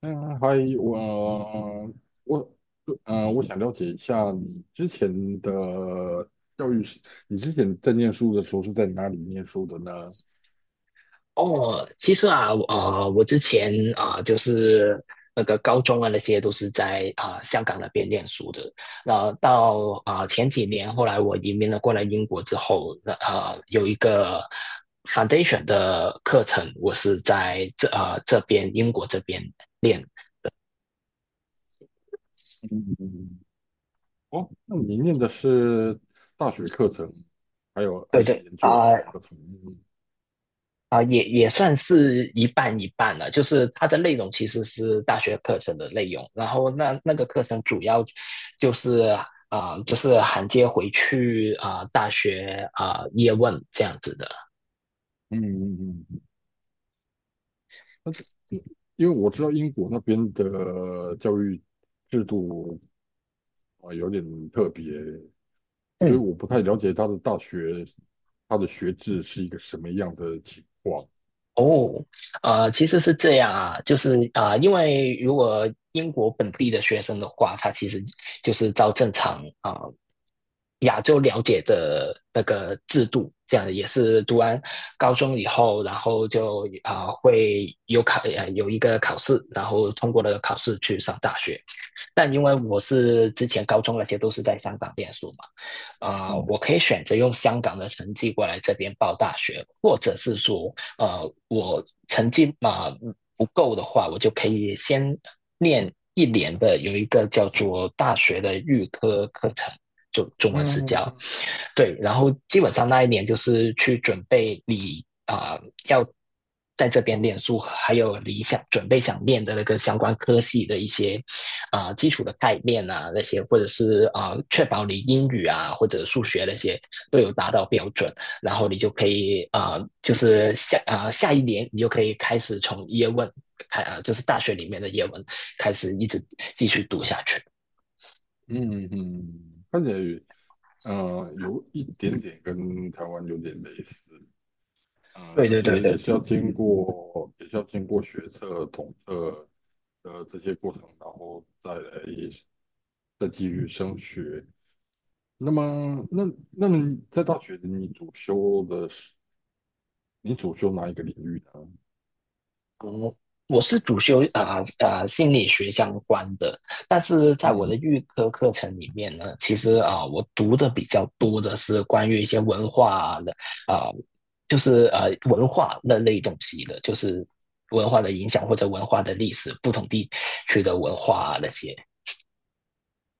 嗯，还有我我想了解一下你之前的教育是，你之前在念书的时候是在哪里念书的呢？哦，其实啊，我之前就是那个高中啊，那些都是在香港那边念书的。那到前几年，后来我移民了过来英国之后，那有一个 foundation 的课程，我是在这边英国这边练。嗯，哦，那你念的是大学课程，还有还对是对，研究所课程？嗯也算是一半一半了，就是它的内容其实是大学课程的内容，然后那个课程主要就是就是衔接回去大学叶问这样子的。嗯嗯，嗯那因为我知道英国那边的教育制度啊，有点特别，所以嗯，我不太了解他的大学，他的学制是一个什么样的情况。哦，其实是这样啊，就是因为如果英国本地的学生的话，他其实就是照正常亚洲了解的那个制度，这样也是读完高中以后，然后就会有一个考试，然后通过了考试去上大学。但因为我是之前高中那些都是在香港念书嘛，嗯我可以选择用香港的成绩过来这边报大学，或者是说我成绩嘛不够的话，我就可以先念一年的有一个叫做大学的预科课程，就中文是叫。嗯对，然后基本上那一年就是去准备你要在这边念书，还有你想准备想念的那个相关科系的一些基础的概念啊那些，或者是确保你英语啊或者数学那些都有达到标准，然后你就可以就是下一年你就可以开始从叶问就是大学里面的叶问开始一直继续读下去。嗯嗯，看起来有一点点跟台湾有点类似，对就对对是对，也是要经过学测、统测的这些过程，然后再来再继续升学。那么，那那么在大学你主修哪一个领域呢？我是主修心理学相关的，但是在我的预科课程里面呢，其实我读的比较多的是关于一些文化的啊、呃就是文化那类东西的，就是文化的影响或者文化的历史，不同地区的文化啊那些。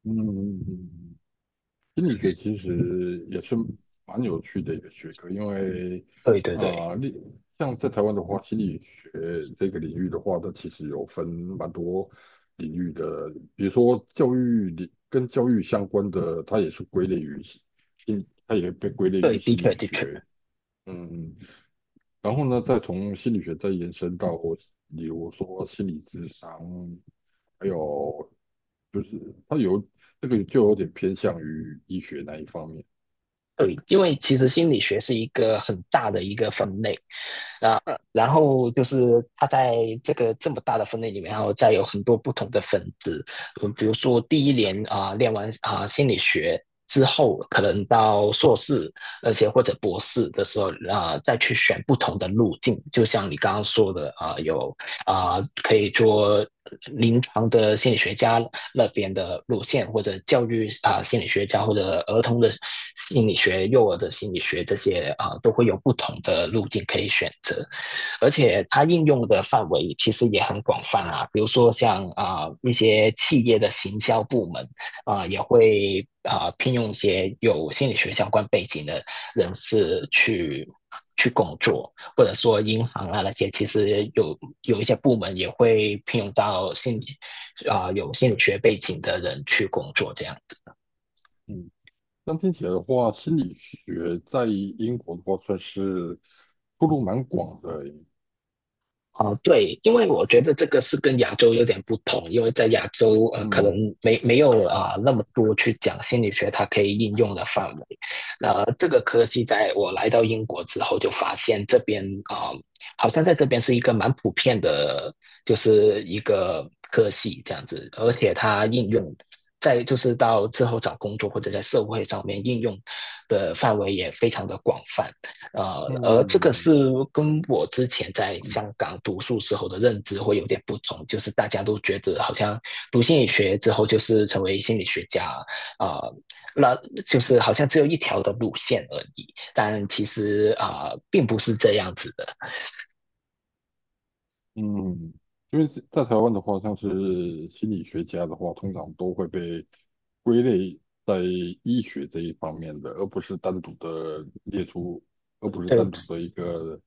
嗯嗯嗯。嗯嗯心理学其实也是蛮有趣的一个学科，因为对对对啊，像在台湾的话，心理学这个领域的话，它其实有分蛮多领域的，比如说教育领跟教育相关的，它也被归类于对，的心理确的确。学。嗯，然后呢，再从心理学再延伸到，比如说心理智商，还有就是它有这个就有点偏向于医学那一方面。对，因为其实心理学是一个很大的一个分类，那然后就是他在这个这么大的分类里面，然后再有很多不同的分支，嗯，比如说第一年练完心理学之后，可能到硕士，而且或者博士的时候再去选不同的路径，就像你刚刚说的有可以做临床的心理学家，那边的路线，或者教育心理学家或者儿童的心理学、幼儿的心理学这些都会有不同的路径可以选择，而且它应用的范围其实也很广泛啊，比如说像一些企业的行销部门也会聘用一些有心理学相关背景的人士去。去工作，或者说银行啊那些，其实有一些部门也会聘用到心理啊、呃有心理学背景的人去工作这样子。嗯，但听起来的话，心理学在英国的话算是出路蛮广的欸。对，因为我觉得这个是跟亚洲有点不同，因为在亚洲可能嗯没有那么多去讲心理学它可以应用的范围。那这个科系在我来到英国之后就发现这边啊，呃好像在这边是一个蛮普遍的，就是一个科系这样子，而且它应用。在就是到之后找工作或者在社会上面应用的范围也非常的广泛，而这个嗯，是跟我之前在香港读书时候的认知会有点不同，就是大家都觉得好像读心理学之后就是成为心理学家，啊、呃那就是好像只有一条的路线而已，但其实并不是这样子的。嗯，因为是在台湾的话，像是心理学家的话，通常都会被归类在医学这一方面的，而不是单独的列出，而不是对，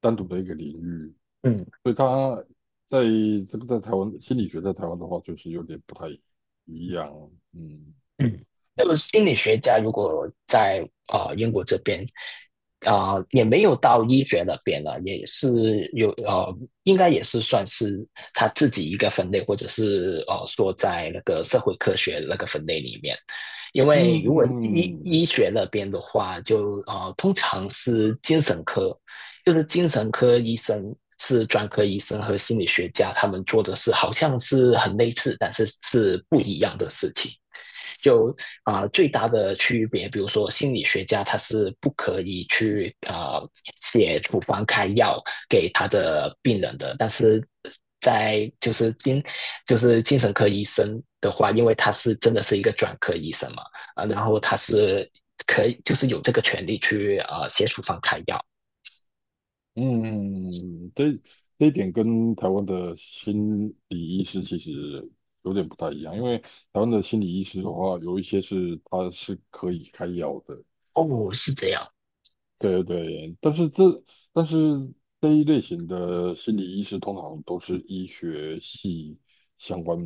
单独的一个领域。嗯。所以他在这个在台湾心理学在台湾的话，就是有点不太一样。嗯嗯，就是心理学家如果在英国这边也没有到医学那边了，也是有应该也是算是他自己一个分类，或者是说在那个社会科学那个分类里面。因嗯为如果医嗯，医学那边的话，就通常是精神科，就是精神科医生是专科医生和心理学家他们做的事，好像是很类似，但是是不一样的事情。就最大的区别，比如说心理学家他是不可以去写处方开药给他的病人的，但是在就是精神科医生的话，因为他是真的是一个专科医生嘛，然后他是可以就是有这个权利去写处方开药。嗯，这一点跟台湾的心理医师其实有点不太一样，因为台湾的心理医师的话，有一些是他是可以开药的，哦，是这样。对对，但是这一类型的心理医师通常都是医学系相关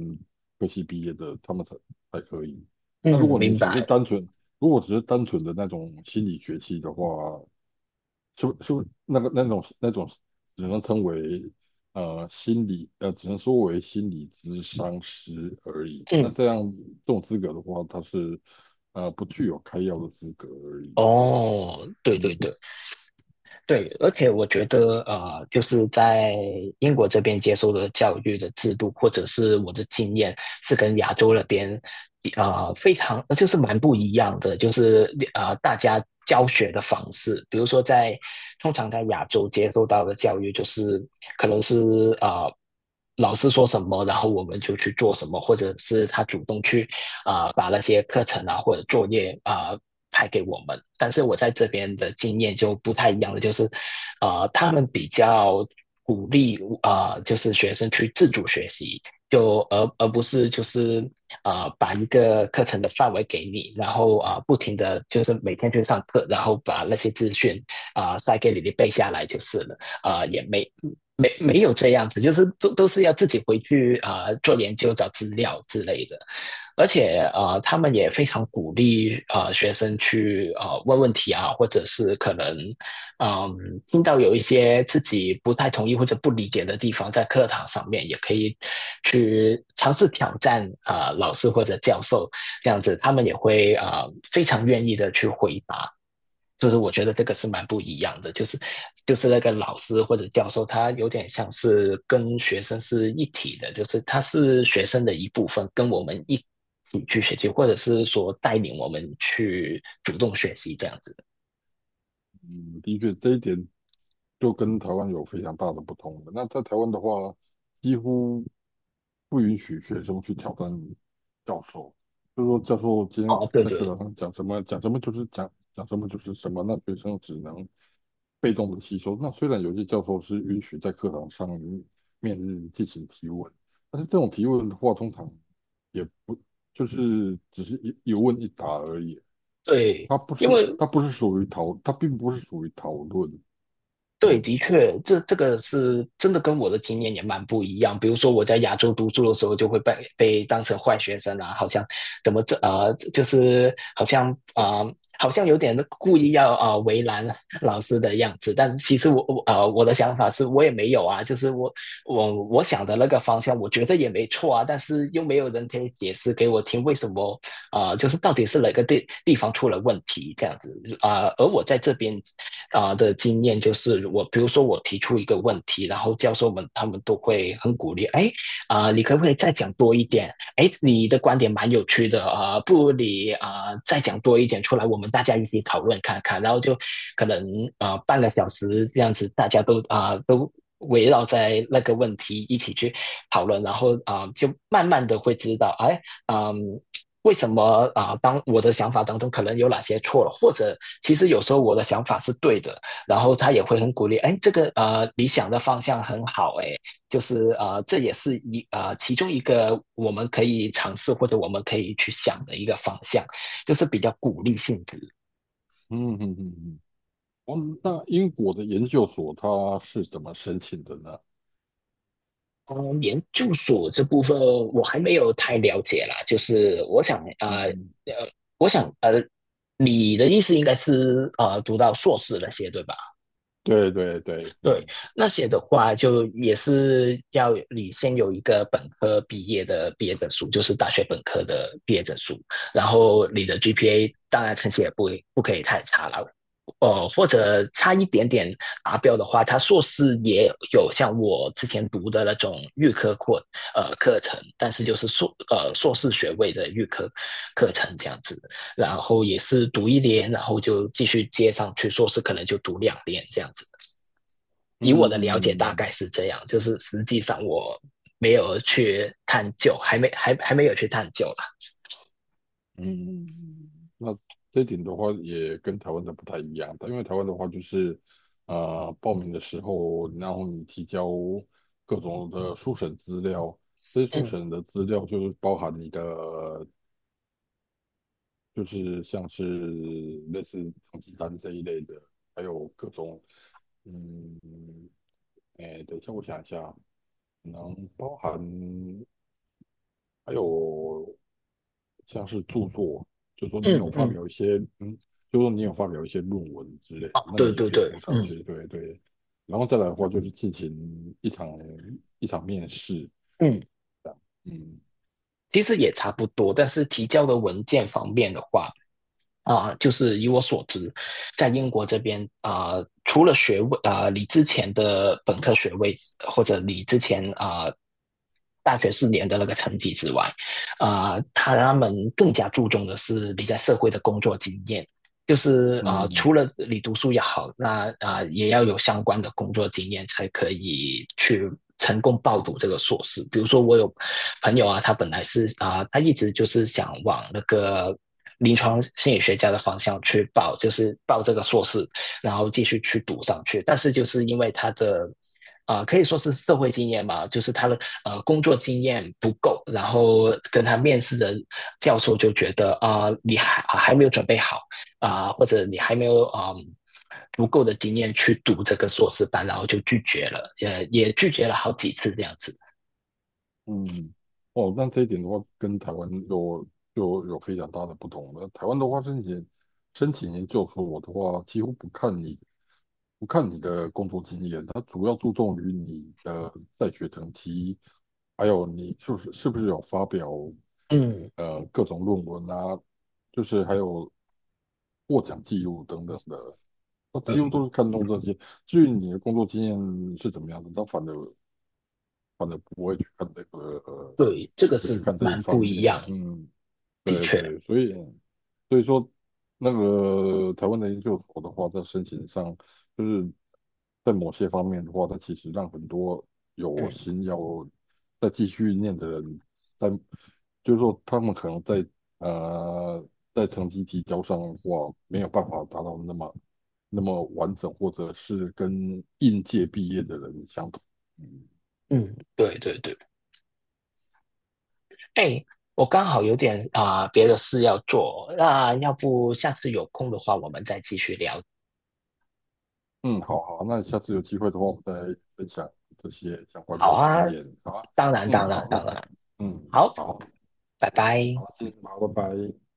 科系毕业的，他们才可以。那嗯，明白。如果只是单纯的那种心理学系的话，就就那个那种那种，只能称为呃心理呃，只能说为心理咨商师而已。那嗯，这样这种资格的话，它是不具有开药的资格而已。哦，对对嗯对。对，而且我觉得，就是在英国这边接受的教育的制度，或者是我的经验，是跟亚洲那边，非常就是蛮不一样的，就是大家教学的方式，比如说在通常在亚洲接受到的教育，就是可能是呃，老师说什么，然后我们就去做什么，或者是他主动去把那些课程啊或者作业派给我们。但是我在这边的经验就不太一样了，就是他们比较鼓励就是学生去自主学习，就而不是就是把一个课程的范围给你，然后不停的就是每天去上课，然后把那些资讯塞给你，你背下来就是了。也没有这样子，就是都是要自己回去做研究、找资料之类的。而且他们也非常鼓励学生去问问题啊，或者是可能嗯、呃听到有一些自己不太同意或者不理解的地方，在课堂上面也可以去尝试挑战啊，老师或者教授这样子，他们也会啊，非常愿意的去回答。就是我觉得这个是蛮不一样的，就是那个老师或者教授，他有点像是跟学生是一体的，就是他是学生的一部分，跟我们一起去学习，或者是说带领我们去主动学习这样子。嗯，的确这一点就跟台湾有非常大的不同了，那在台湾的话，几乎不允许学生去挑战教授，就是说教授今天哦，对在课对堂上讲什么就是什么，那学生只能被动的吸收。那虽然有些教授是允许在课堂上面进行提问，但是这种提问的话，通常也不就是只是问一答而已，对。因为它不是属于讨，它并不是属于讨论。对，嗯的确，这个是真的跟我的经验也蛮不一样。比如说我在亚洲读书的时候，就会被当成坏学生啊，好像怎么这呃，就是好像好像有点故意要为难老师的样子。但是其实我的想法是我也没有啊，就是我想的那个方向，我觉得也没错啊，但是又没有人可以解释给我听为什么就是到底是哪个地方出了问题这样子。而我在这边的经验，就是我比如说我提出一个问题，然后教授们他们都会很鼓励，哎，你可不可以再讲多一点？哎，你的观点蛮有趣的不如你再讲多一点出来，我们大家一起讨论看看。然后就可能半个小时这样子，大家都。围绕在那个问题一起去讨论，然后就慢慢的会知道，哎，嗯，为什么当我的想法当中可能有哪些错了，或者其实有时候我的想法是对的，然后他也会很鼓励，哎，这个理想的方向很好，哎，就是这也是其中一个我们可以尝试或者我们可以去想的一个方向，就是比较鼓励性质。嗯嗯嗯嗯。哦，那英国的研究所它是怎么申请的呢？嗯，研究所这部分我还没有太了解啦，就是嗯，呃，我想你的意思应该是读到硕士那些对吧？对对对，对，那些的话就也是要你先有一个本科毕业的毕业证书，就是大学本科的毕业证书，然后你的 GPA 当然成绩也不可以太差了，或者差一点点达标的话，他硕士也有像我之前读的那种预科课程，但是就是硕士学位的预科课程这样子，然后也是读一年，然后就继续接上去，硕士可能就读2年这样子。嗯以我嗯的了嗯解嗯。大概嗯是这样，就是实际上我没有去探究，还没有去探究啦。嗯，那这一点的话，也跟台湾的不太一样。因为台湾的话，就是报名的时候，然后你提交各种的初审资料，这些初嗯审的资料就是包含你的，就是像是类似成绩单这一类的，还有各种，嗯，哎，等一下，我想一下，可能包含。还有像是著作，就说你有嗯发嗯，表一些，嗯，就说你有发表一些论文之类的，哦，那对你也对可以对，附上嗯去，对对。然后再来的话，就是进行一场面试，嗯，这样，嗯其实也差不多，但是提交的文件方面的话。就是以我所知，在英国这边除了学位你之前的本科学位或者你之前大学4年的那个成绩之外，他们更加注重的是你在社会的工作经验，就是嗯，嗯除了你读书也好，那也要有相关的工作经验才可以去成功报读这个硕士。比如说，我有朋友啊，他本来是啊、呃他一直就是想往那个临床心理学家的方向去报，就是报这个硕士，然后继续去读上去。但是就是因为他的可以说是社会经验吧，就是他的工作经验不够，然后跟他面试的教授就觉得你还没有准备好，或者你还没有足够的经验去读这个硕士班，然后就拒绝了，也拒绝了好几次这样子。嗯，哦，那这一点的话，跟台湾有就有非常大的不同了。台湾的话，申请研究我的话，几乎不看你的工作经验，它主要注重于你的在学成绩，还有你是不是有发表嗯，各种论文啊，就是还有获奖记录等等的，它几乎嗯，都是看重这些。至于你的工作经验是怎么样的，它反正反正不会去看这个，呃对，这个不会去是看这一蛮方不一面。样的，嗯，的对确。对，所以所以说，那个台湾的研究所的话，在申请上，就是在某些方面的话，它其实让很多有嗯心要再继续念的人，在就是说他们可能呃在成绩提交上的话，没有办法达到那么完整，或者是跟应届毕业的人相同。嗯嗯，对对对。哎，我刚好有点别的事要做，那要不下次有空的话，我们再继续聊。嗯，好好，那下次有机会的话，我们再分享这些相关好的啊，经验，好吧？当然嗯，当然好，那当这样，然，嗯，好，好，拜拜。好，今天好，拜拜。